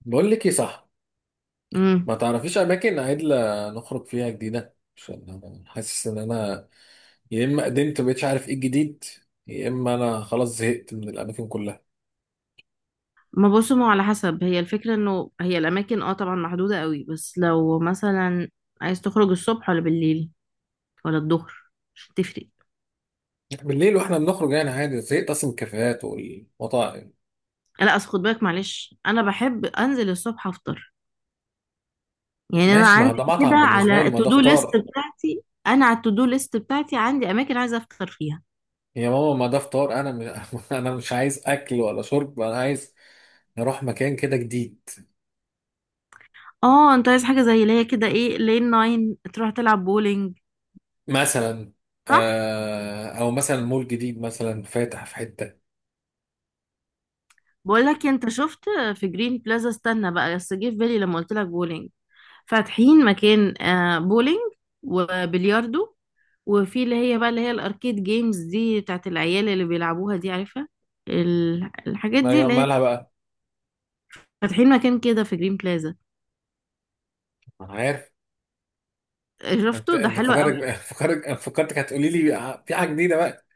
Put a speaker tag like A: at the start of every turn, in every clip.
A: بقول لك ايه، صح؟
B: امم
A: ما تعرفيش اماكن عدلة نخرج فيها جديده؟ عشان انا حاسس ان انا يا اما قدمت مبقتش عارف ايه الجديد، يا اما انا خلاص زهقت من الاماكن كلها.
B: ما بصوا، ما هو على حسب، هي الفكرة انه هي الاماكن طبعا محدودة قوي، بس لو مثلا عايز تخرج الصبح ولا بالليل ولا الظهر مش هتفرق.
A: بالليل واحنا بنخرج يعني عادي، زهقت اصلا من الكافيهات والمطاعم.
B: لا اصل خد بالك، معلش، انا بحب انزل الصبح افطر. يعني انا
A: ماشي، ما
B: عندي
A: ده
B: كده
A: مطعم بالنسبه
B: على
A: لي، ما
B: التو
A: ده
B: دو ليست
A: فطار.
B: بتاعتي، عندي اماكن عايزة افطر فيها.
A: يا ماما ما ده فطار، انا مش انا مش عايز اكل ولا شرب، انا عايز نروح مكان كده جديد.
B: اه انت عايز حاجة زي اللي هي كده، ايه، لين ناين، تروح تلعب بولينج.
A: مثلا.
B: صح.
A: آه، او مثلا مول جديد مثلا فاتح في حته.
B: بقول لك إيه، انت شفت في جرين بلازا؟ استنى بقى، بس جه في بالي لما قلت لك بولينج، فاتحين مكان، بولينج وبلياردو، وفي اللي هي بقى اللي هي الاركيد جيمز دي بتاعت العيال اللي بيلعبوها دي، عارفة الحاجات دي؟ اللي هي
A: مالها بقى؟
B: فاتحين مكان كده في جرين بلازا.
A: انا عارف.
B: شفته،
A: انت
B: ده
A: انت
B: حلو قوي.
A: فكرك فكرتك هتقولي لي في حاجه جديده بقى.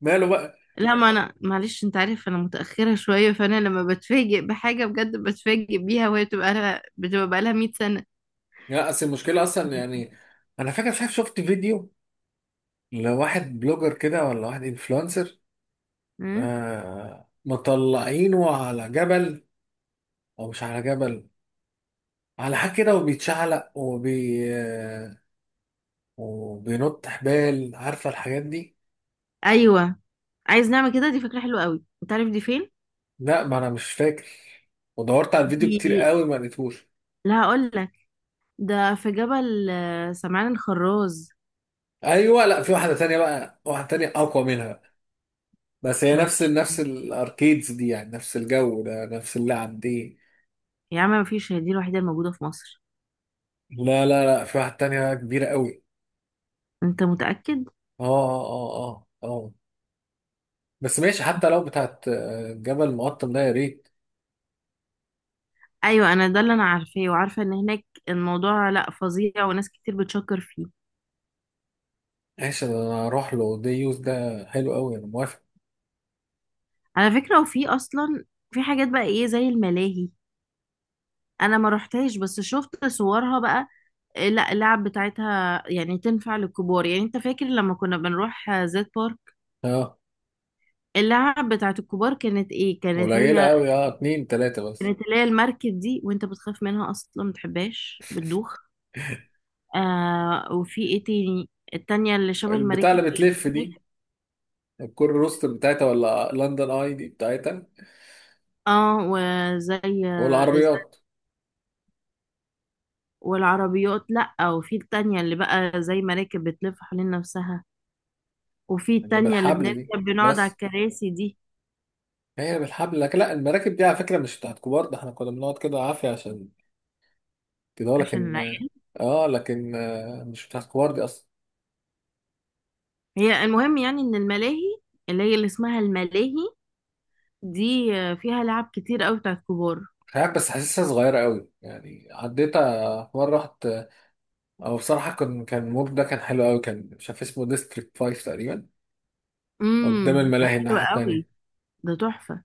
A: ماله بقى؟
B: لا ما انا، معلش، انت عارف انا متأخرة شوية، فانا لما بتفاجئ بحاجة بجد بتفاجئ بيها، وهي بتبقى لها بقى 100 سنة.
A: لا، اصل المشكله اصلا يعني، انا فاكر، مش عارف، شفت فيديو لواحد بلوجر كده ولا واحد انفلونسر.
B: ها؟
A: آه، مطلعينه على جبل، او مش على جبل، على حاجه كده، وبيتشعلق وبينط حبال، عارفه الحاجات دي.
B: ايوه عايز نعمل كده، دي فكرة حلوة قوي، انت عارف دي فين؟
A: لا، ما انا مش فاكر. ودورت على الفيديو
B: دي،
A: كتير قوي ما لقيتهوش.
B: لا هقول لك، ده في جبل، سمعان الخراز.
A: ايوه، لا، في واحده تانية بقى، واحده تانية اقوى منها. بس هي نفس
B: مفيش،
A: نفس الاركيدز دي، يعني نفس الجو ده نفس اللعب دي.
B: يا عم، مفيش، هي دي الوحيدة الموجودة في مصر.
A: لا لا لا، في واحد تانية بقى كبيرة قوي.
B: انت متأكد؟
A: اه اه اه اه اه. بس ماشي، حتى لو بتاعت جبل مقطم ده يا ريت.
B: ايوه انا ده اللي انا عارفاه، وعارفة ان هناك الموضوع لا فظيع وناس كتير بتشكر فيه.
A: ماشي، انا اروح له، دي يوز ده حلو قوي، انا موافق.
B: على فكرة وفي اصلا، في حاجات بقى ايه زي الملاهي. انا ما رحتهاش بس شفت صورها بقى. إيه، لا اللعب بتاعتها يعني تنفع للكبار. يعني انت فاكر لما كنا بنروح زيت بارك،
A: اه،
B: اللعب بتاعت الكبار كانت ايه؟ كانت
A: قليلة
B: هي
A: قوي، اه، اتنين تلاتة بس.
B: كانت اللي هي المركب دي، وانت بتخاف منها اصلا ما بتحبهاش، بتدوخ. آه، وفي ايه تاني؟ التانية اللي شبه
A: البتاع
B: المراكب
A: اللي
B: اللي
A: بتلف
B: بتلف.
A: دي. الكور روستر بتاعتها ولا لندن اي دي بتاعتها.
B: اه، وزي
A: والعربيات.
B: والعربيات، لأ، وفي التانية اللي بقى زي مراكب بتلف حوالين نفسها، وفي
A: اللي
B: التانية اللي
A: بالحبل دي؟
B: بنركب بنقعد على
A: بس
B: الكراسي دي،
A: هي بالحبل، لكن لا، المراكب دي على فكرة مش بتاعت كبار، ده احنا كنا بنقعد كده عافية عشان كده هو،
B: عشان
A: لكن.
B: العيال.
A: اه لكن مش بتاع الكبار دي اصلا.
B: هي المهم يعني ان الملاهي اللي هي اللي اسمها الملاهي دي، فيها لعب كتير قوي بتاعت كبار.
A: مش عارف، بس حاسسها صغيره قوي يعني، عديتها في مره، رحت. او بصراحه كان المول ده كان حلو قوي، كان مش عارف اسمه ديستريكت 5 تقريبا.
B: امم،
A: قدام
B: ده
A: الملاهي
B: حلو
A: الناحيه
B: قوي،
A: التانيه.
B: ده تحفة.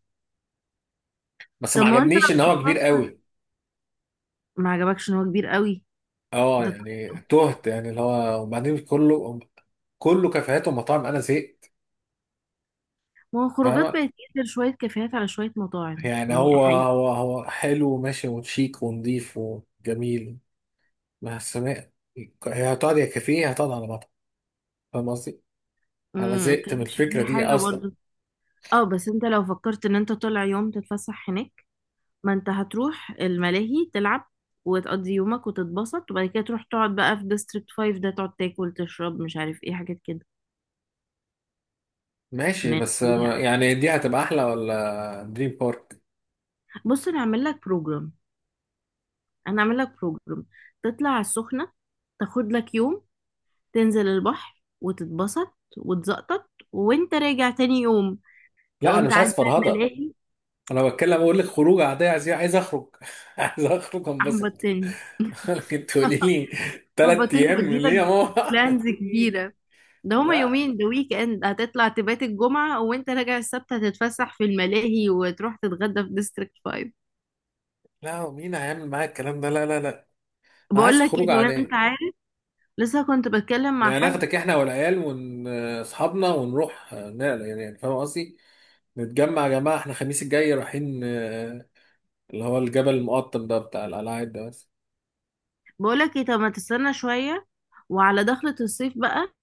A: بس
B: طب
A: ما
B: ما هو انت
A: عجبنيش ان
B: لو
A: هو كبير قوي.
B: ما عجبكش ان هو كبير قوي؟
A: اه
B: ده
A: يعني
B: تحفة.
A: تهت يعني، اللي هو، وبعدين كله كله كافيهات ومطاعم، انا زهقت.
B: ما هو خروجات
A: فاهمه.
B: بقت ينزل شوية كافيهات على شوية مطاعم،
A: يعني
B: يعني
A: هو
B: حقيقي.
A: هو هو حلو وماشي وشيك ونضيف وجميل. بس ما- هي هتقعد يا كافيه هتقعد على مطعم. فاهم قصدي؟ انا
B: امم،
A: زهقت من
B: كانش في
A: الفكره دي
B: حاجة
A: اصلا.
B: برضه. اه بس انت لو فكرت ان انت طالع يوم تتفسح هناك، ما انت هتروح الملاهي تلعب وتقضي يومك وتتبسط، وبعد كده تروح تقعد بقى في ديستريكت 5، ده تقعد تاكل تشرب مش عارف ايه، حاجات كده.
A: ماشي،
B: يعني
A: بس
B: لا.
A: يعني دي هتبقى احلى ولا دريم بارك؟
B: بص انا هعمل لك بروجرام، انا هعمل لك بروجرام تطلع على السخنة، تاخد لك يوم تنزل البحر وتتبسط وتزقطط، وانت راجع تاني يوم
A: لا
B: تقوم
A: انا مش
B: تعدي
A: عايز
B: على
A: فرهضه.
B: الملاهي.
A: انا بتكلم اقول لك خروج عاديه، عايز اخرج عايز اخرج انبسط.
B: احبطتني.
A: لكن تقولي لي ثلاث
B: احبطتني،
A: ايام ليه يا
B: بديلك
A: ماما؟
B: بلانز كبيرة. ده هما
A: لا.
B: يومين، ده ويك اند، هتطلع تبات الجمعة، وانت راجع السبت هتتفسح في الملاهي وتروح تتغدى في ديستريكت 5.
A: لا مين هيعمل معايا الكلام ده، لا لا لا. انا
B: بقول
A: عايز
B: لك ايه،
A: خروج
B: طب انت
A: عاديه.
B: عارف، لسه كنت بتكلم مع
A: يعني
B: حد.
A: ناخدك احنا والعيال واصحابنا ونروح نقل يعني فاهم قصدي؟ نتجمع يا جماعه احنا الخميس الجاي رايحين اللي هو الجبل المقطم ده بتاع القلاعات ده بس.
B: بقول لك ايه، طب ما تستنى شوية وعلى دخلة الصيف بقى،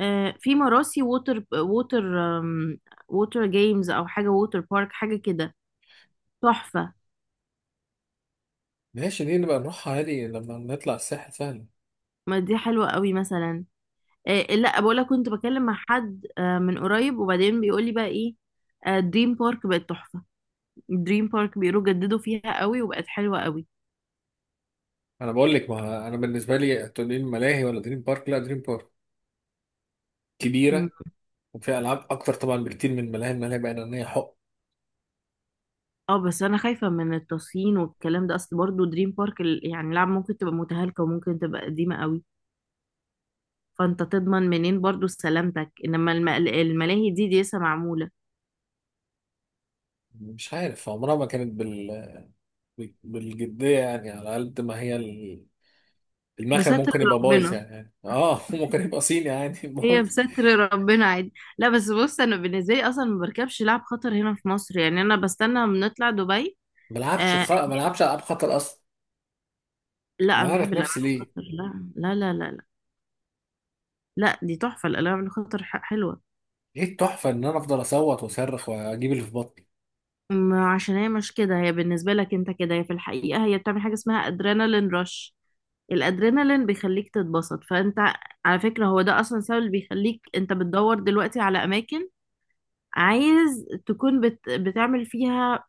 B: في مراسي ووتر جيمز، او حاجة ووتر بارك حاجة كده، تحفة.
A: ماشي، دي نبقى نروحها عادي لما نطلع الساحل سهل.
B: ما دي حلوة قوي مثلا. لا بقول لك، كنت بكلم مع حد من قريب، وبعدين بيقول لي بقى ايه، دريم بارك بقت تحفة. دريم بارك بيقولوا جددوا فيها قوي وبقت حلوة قوي.
A: انا بقول لك، ما انا بالنسبه لي تقولي لي ملاهي ولا دريم بارك، لا دريم بارك
B: مم.
A: كبيره وفيها العاب اكتر طبعا بكتير من الملاهي. الملاهي بقى ان هي حق،
B: اه بس انا خايفة من التصين والكلام ده، اصل برضو دريم بارك يعني لعب ممكن تبقى متهالكة وممكن تبقى قديمة قوي، فانت تضمن منين برضو سلامتك؟ انما الملاهي دي، دي لسه معمولة.
A: مش عارف عمرها ما كانت بالجديه، يعني على قد ما هي المكان
B: بستر
A: ممكن يبقى بايظ
B: ربنا،
A: يعني، يعني اه ممكن يبقى صيني يعني
B: هي
A: بايظ.
B: بستر ربنا، عادي. لا بس بص، انا بالنسبة لي اصلا ما بركبش لعب خطر هنا في مصر، يعني انا بستنى بنطلع دبي. آه،
A: ملعبش العاب خطر اصلا.
B: لا
A: انا
B: انا بحب
A: عارف نفسي
B: الالعاب
A: ليه.
B: الخطر، لا دي تحفه، الالعاب الخطر حلوه.
A: ايه التحفه ان انا افضل اصوت واصرخ واجيب اللي في بطني؟
B: ما عشان هي مش كده، هي بالنسبه لك انت كده، هي في الحقيقه هي بتعمل حاجه اسمها ادرينالين رش. الادرينالين بيخليك تتبسط، فانت على فكره هو ده اصلا سبب اللي بيخليك انت بتدور دلوقتي على اماكن عايز تكون بتعمل فيها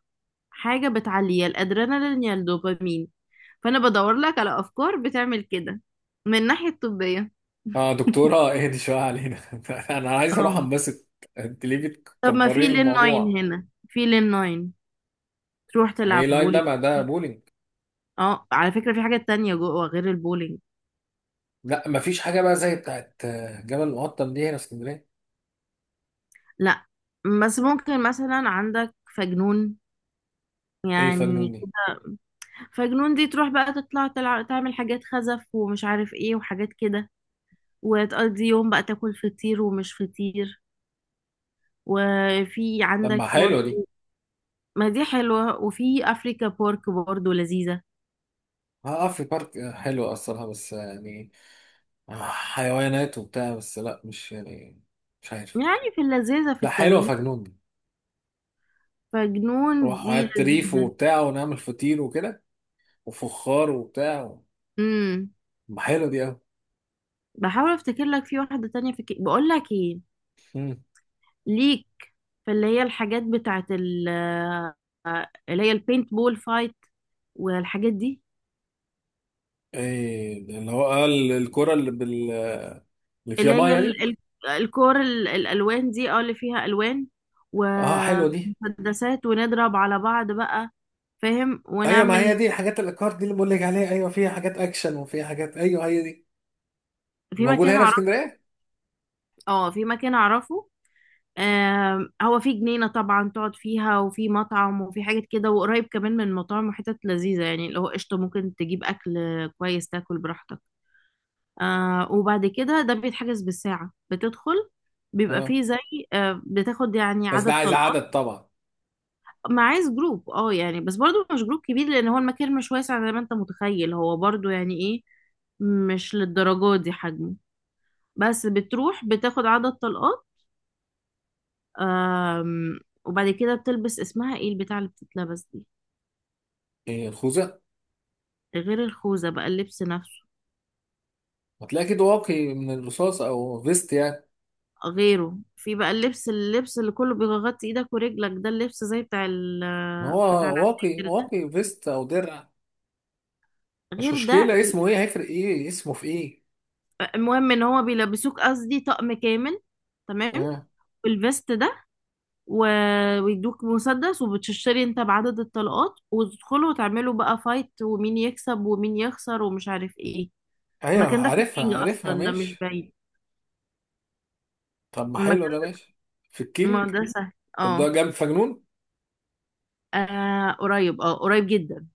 B: حاجه بتعلي يا الادرينالين يا الدوبامين، فانا بدور لك على افكار بتعمل كده، من الناحيه الطبيه.
A: اه دكتورة، اهدي شوية علينا. انا عايز اروح
B: اه
A: انبسط. انت ليه
B: طب ما في
A: بتكبرين
B: لين 9،
A: الموضوع؟
B: تروح
A: يعني ايه
B: تلعب
A: لاين ده؟
B: بولينج.
A: ما ده بولينج.
B: اه على فكرة في حاجة تانية جوه غير البولينج.
A: لا مفيش حاجة بقى زي بتاعت جبل المقطم دي هنا في اسكندرية.
B: لا بس ممكن مثلا عندك فجنون،
A: ايه فجنون
B: يعني.
A: دي؟
B: فجنون دي تروح بقى تطلع تلعب تعمل حاجات خزف ومش عارف ايه وحاجات كده، وتقضي يوم بقى تاكل فطير ومش فطير. وفي
A: طب ما
B: عندك برضه،
A: حلوة دي.
B: ما دي حلوة، وفي أفريكا بورك برضه لذيذة،
A: اه، في بارك حلوة اصلها، بس يعني حيوانات وبتاع، بس لا مش يعني، مش عارف.
B: يعني في اللذيذة في
A: لا حلوة
B: التغيير.
A: فجنون دي.
B: فجنون
A: روح
B: دي
A: هات ريف
B: لذيذة.
A: وبتاع ونعمل فطير وكده وفخار وبتاع.
B: امم،
A: ما حلوة دي
B: بحاول افتكر لك في واحدة تانية. في بقول لك ايه
A: اوي.
B: ليك، في اللي هي الحاجات بتاعت اللي هي البينت بول فايت والحاجات دي،
A: ايه اللي هو، قال الكرة اللي بال، اللي فيها
B: اللي هي
A: ميه دي؟
B: الكور، الالوان دي، اه اللي فيها الوان
A: اه حلوه دي.
B: ومسدسات ونضرب على بعض بقى، فاهم،
A: ايوه، ما هي
B: ونعمل.
A: دي حاجات الاكار دي اللي بقول لك عليها، ايوه فيها حاجات اكشن وفيها حاجات، ايوه هي دي.
B: في
A: موجوده
B: مكان
A: هنا في
B: اعرفه،
A: اسكندريه؟
B: اه في مكان اعرفه آم، هو في جنينة طبعا تقعد فيها، وفي مطعم وفي حاجات كده، وقريب كمان من مطاعم وحتت لذيذة، يعني اللي هو قشطة، ممكن تجيب أكل كويس تاكل براحتك. آه وبعد كده ده بيتحجز بالساعة، بتدخل بيبقى
A: اه،
B: فيه زي، آه، بتاخد يعني
A: بس ده
B: عدد
A: عايز
B: طلقات.
A: عدد طبعا.
B: ما عايز جروب، اه يعني، بس برضو مش جروب كبير، لان هو المكان مش واسع زي ما انت متخيل، هو برضو يعني ايه، مش للدرجات دي حجمه. بس بتروح بتاخد عدد طلقات. آم، وبعد كده بتلبس، اسمها ايه البتاع اللي بتتلبس دي؟
A: ايه الخوذه؟
B: غير الخوذة بقى، اللبس نفسه،
A: هتلاقي اكيد واقي من الرصاص او فيست يعني.
B: غيره في بقى اللبس، اللبس اللي كله بيغطي ايدك ورجلك، ده اللبس زي بتاع ال،
A: ما هو
B: بتاع
A: واقي
B: العساكر،
A: واقي فيست او درع. مش
B: غير ده.
A: مشكله اسمه ايه، هيفرق ايه اسمه في ايه.
B: المهم ان هو بيلبسوك قصدي طقم كامل، تمام،
A: اه.
B: الفيست ده و... ويدوك مسدس، وبتشتري انت بعدد الطلقات، وتدخلوا وتعملوا بقى فايت ومين يكسب ومين يخسر ومش عارف ايه.
A: ايوه
B: المكان ده في
A: عارفها
B: كينج،
A: عارفها،
B: اصلا ده مش
A: ماشي.
B: بعيد
A: طب ما حلو
B: المكان،
A: ده، ماشي. في
B: ما
A: الكينج.
B: ده سهل.
A: طب
B: اه،
A: ده جنب فجنون؟
B: آه، قريب، اه قريب جدا.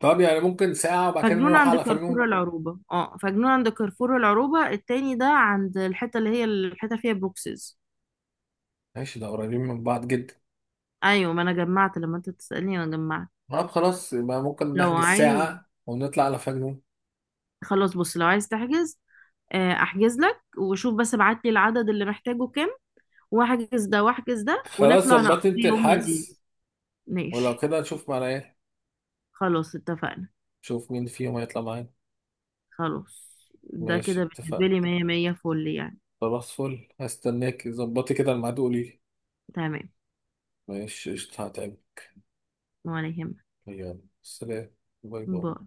A: طب يعني ممكن ساعة وبعد كده
B: فجنون
A: نروح
B: عند
A: على
B: كارفور
A: فجنون.
B: العروبة، التاني ده، عند الحتة اللي هي الحتة فيها بوكسز.
A: ماشي، ده قريبين من بعض جدا.
B: ايوه ما انا جمعت، لما انت تسألني انا جمعت.
A: طب خلاص، يبقى ممكن
B: لو
A: نحجز
B: عايز،
A: ساعة ونطلع على فجنون.
B: خلاص بص، لو عايز تحجز، آه، احجز لك وشوف، بس ابعت لي العدد اللي محتاجه كام، واحجز ده واحجز ده،
A: خلاص
B: ونطلع نقضي
A: ظبطت انت
B: يوم
A: الحجز،
B: لذيذ.
A: ولو
B: ماشي.
A: كده نشوف معانا ايه.
B: خلاص اتفقنا.
A: نشوف مين فيهم هيطلع معانا.
B: خلاص ده
A: ماشي،
B: كده بالنسبة
A: اتفقنا.
B: لي مية مية، فل يعني.
A: خلاص فل، هستناك ظبطي كده الميعاد وقولي لي.
B: تمام.
A: ماشي، قشطة، هتقابل.
B: ولا يهمك.
A: يلا سلام. باي باي.
B: باي.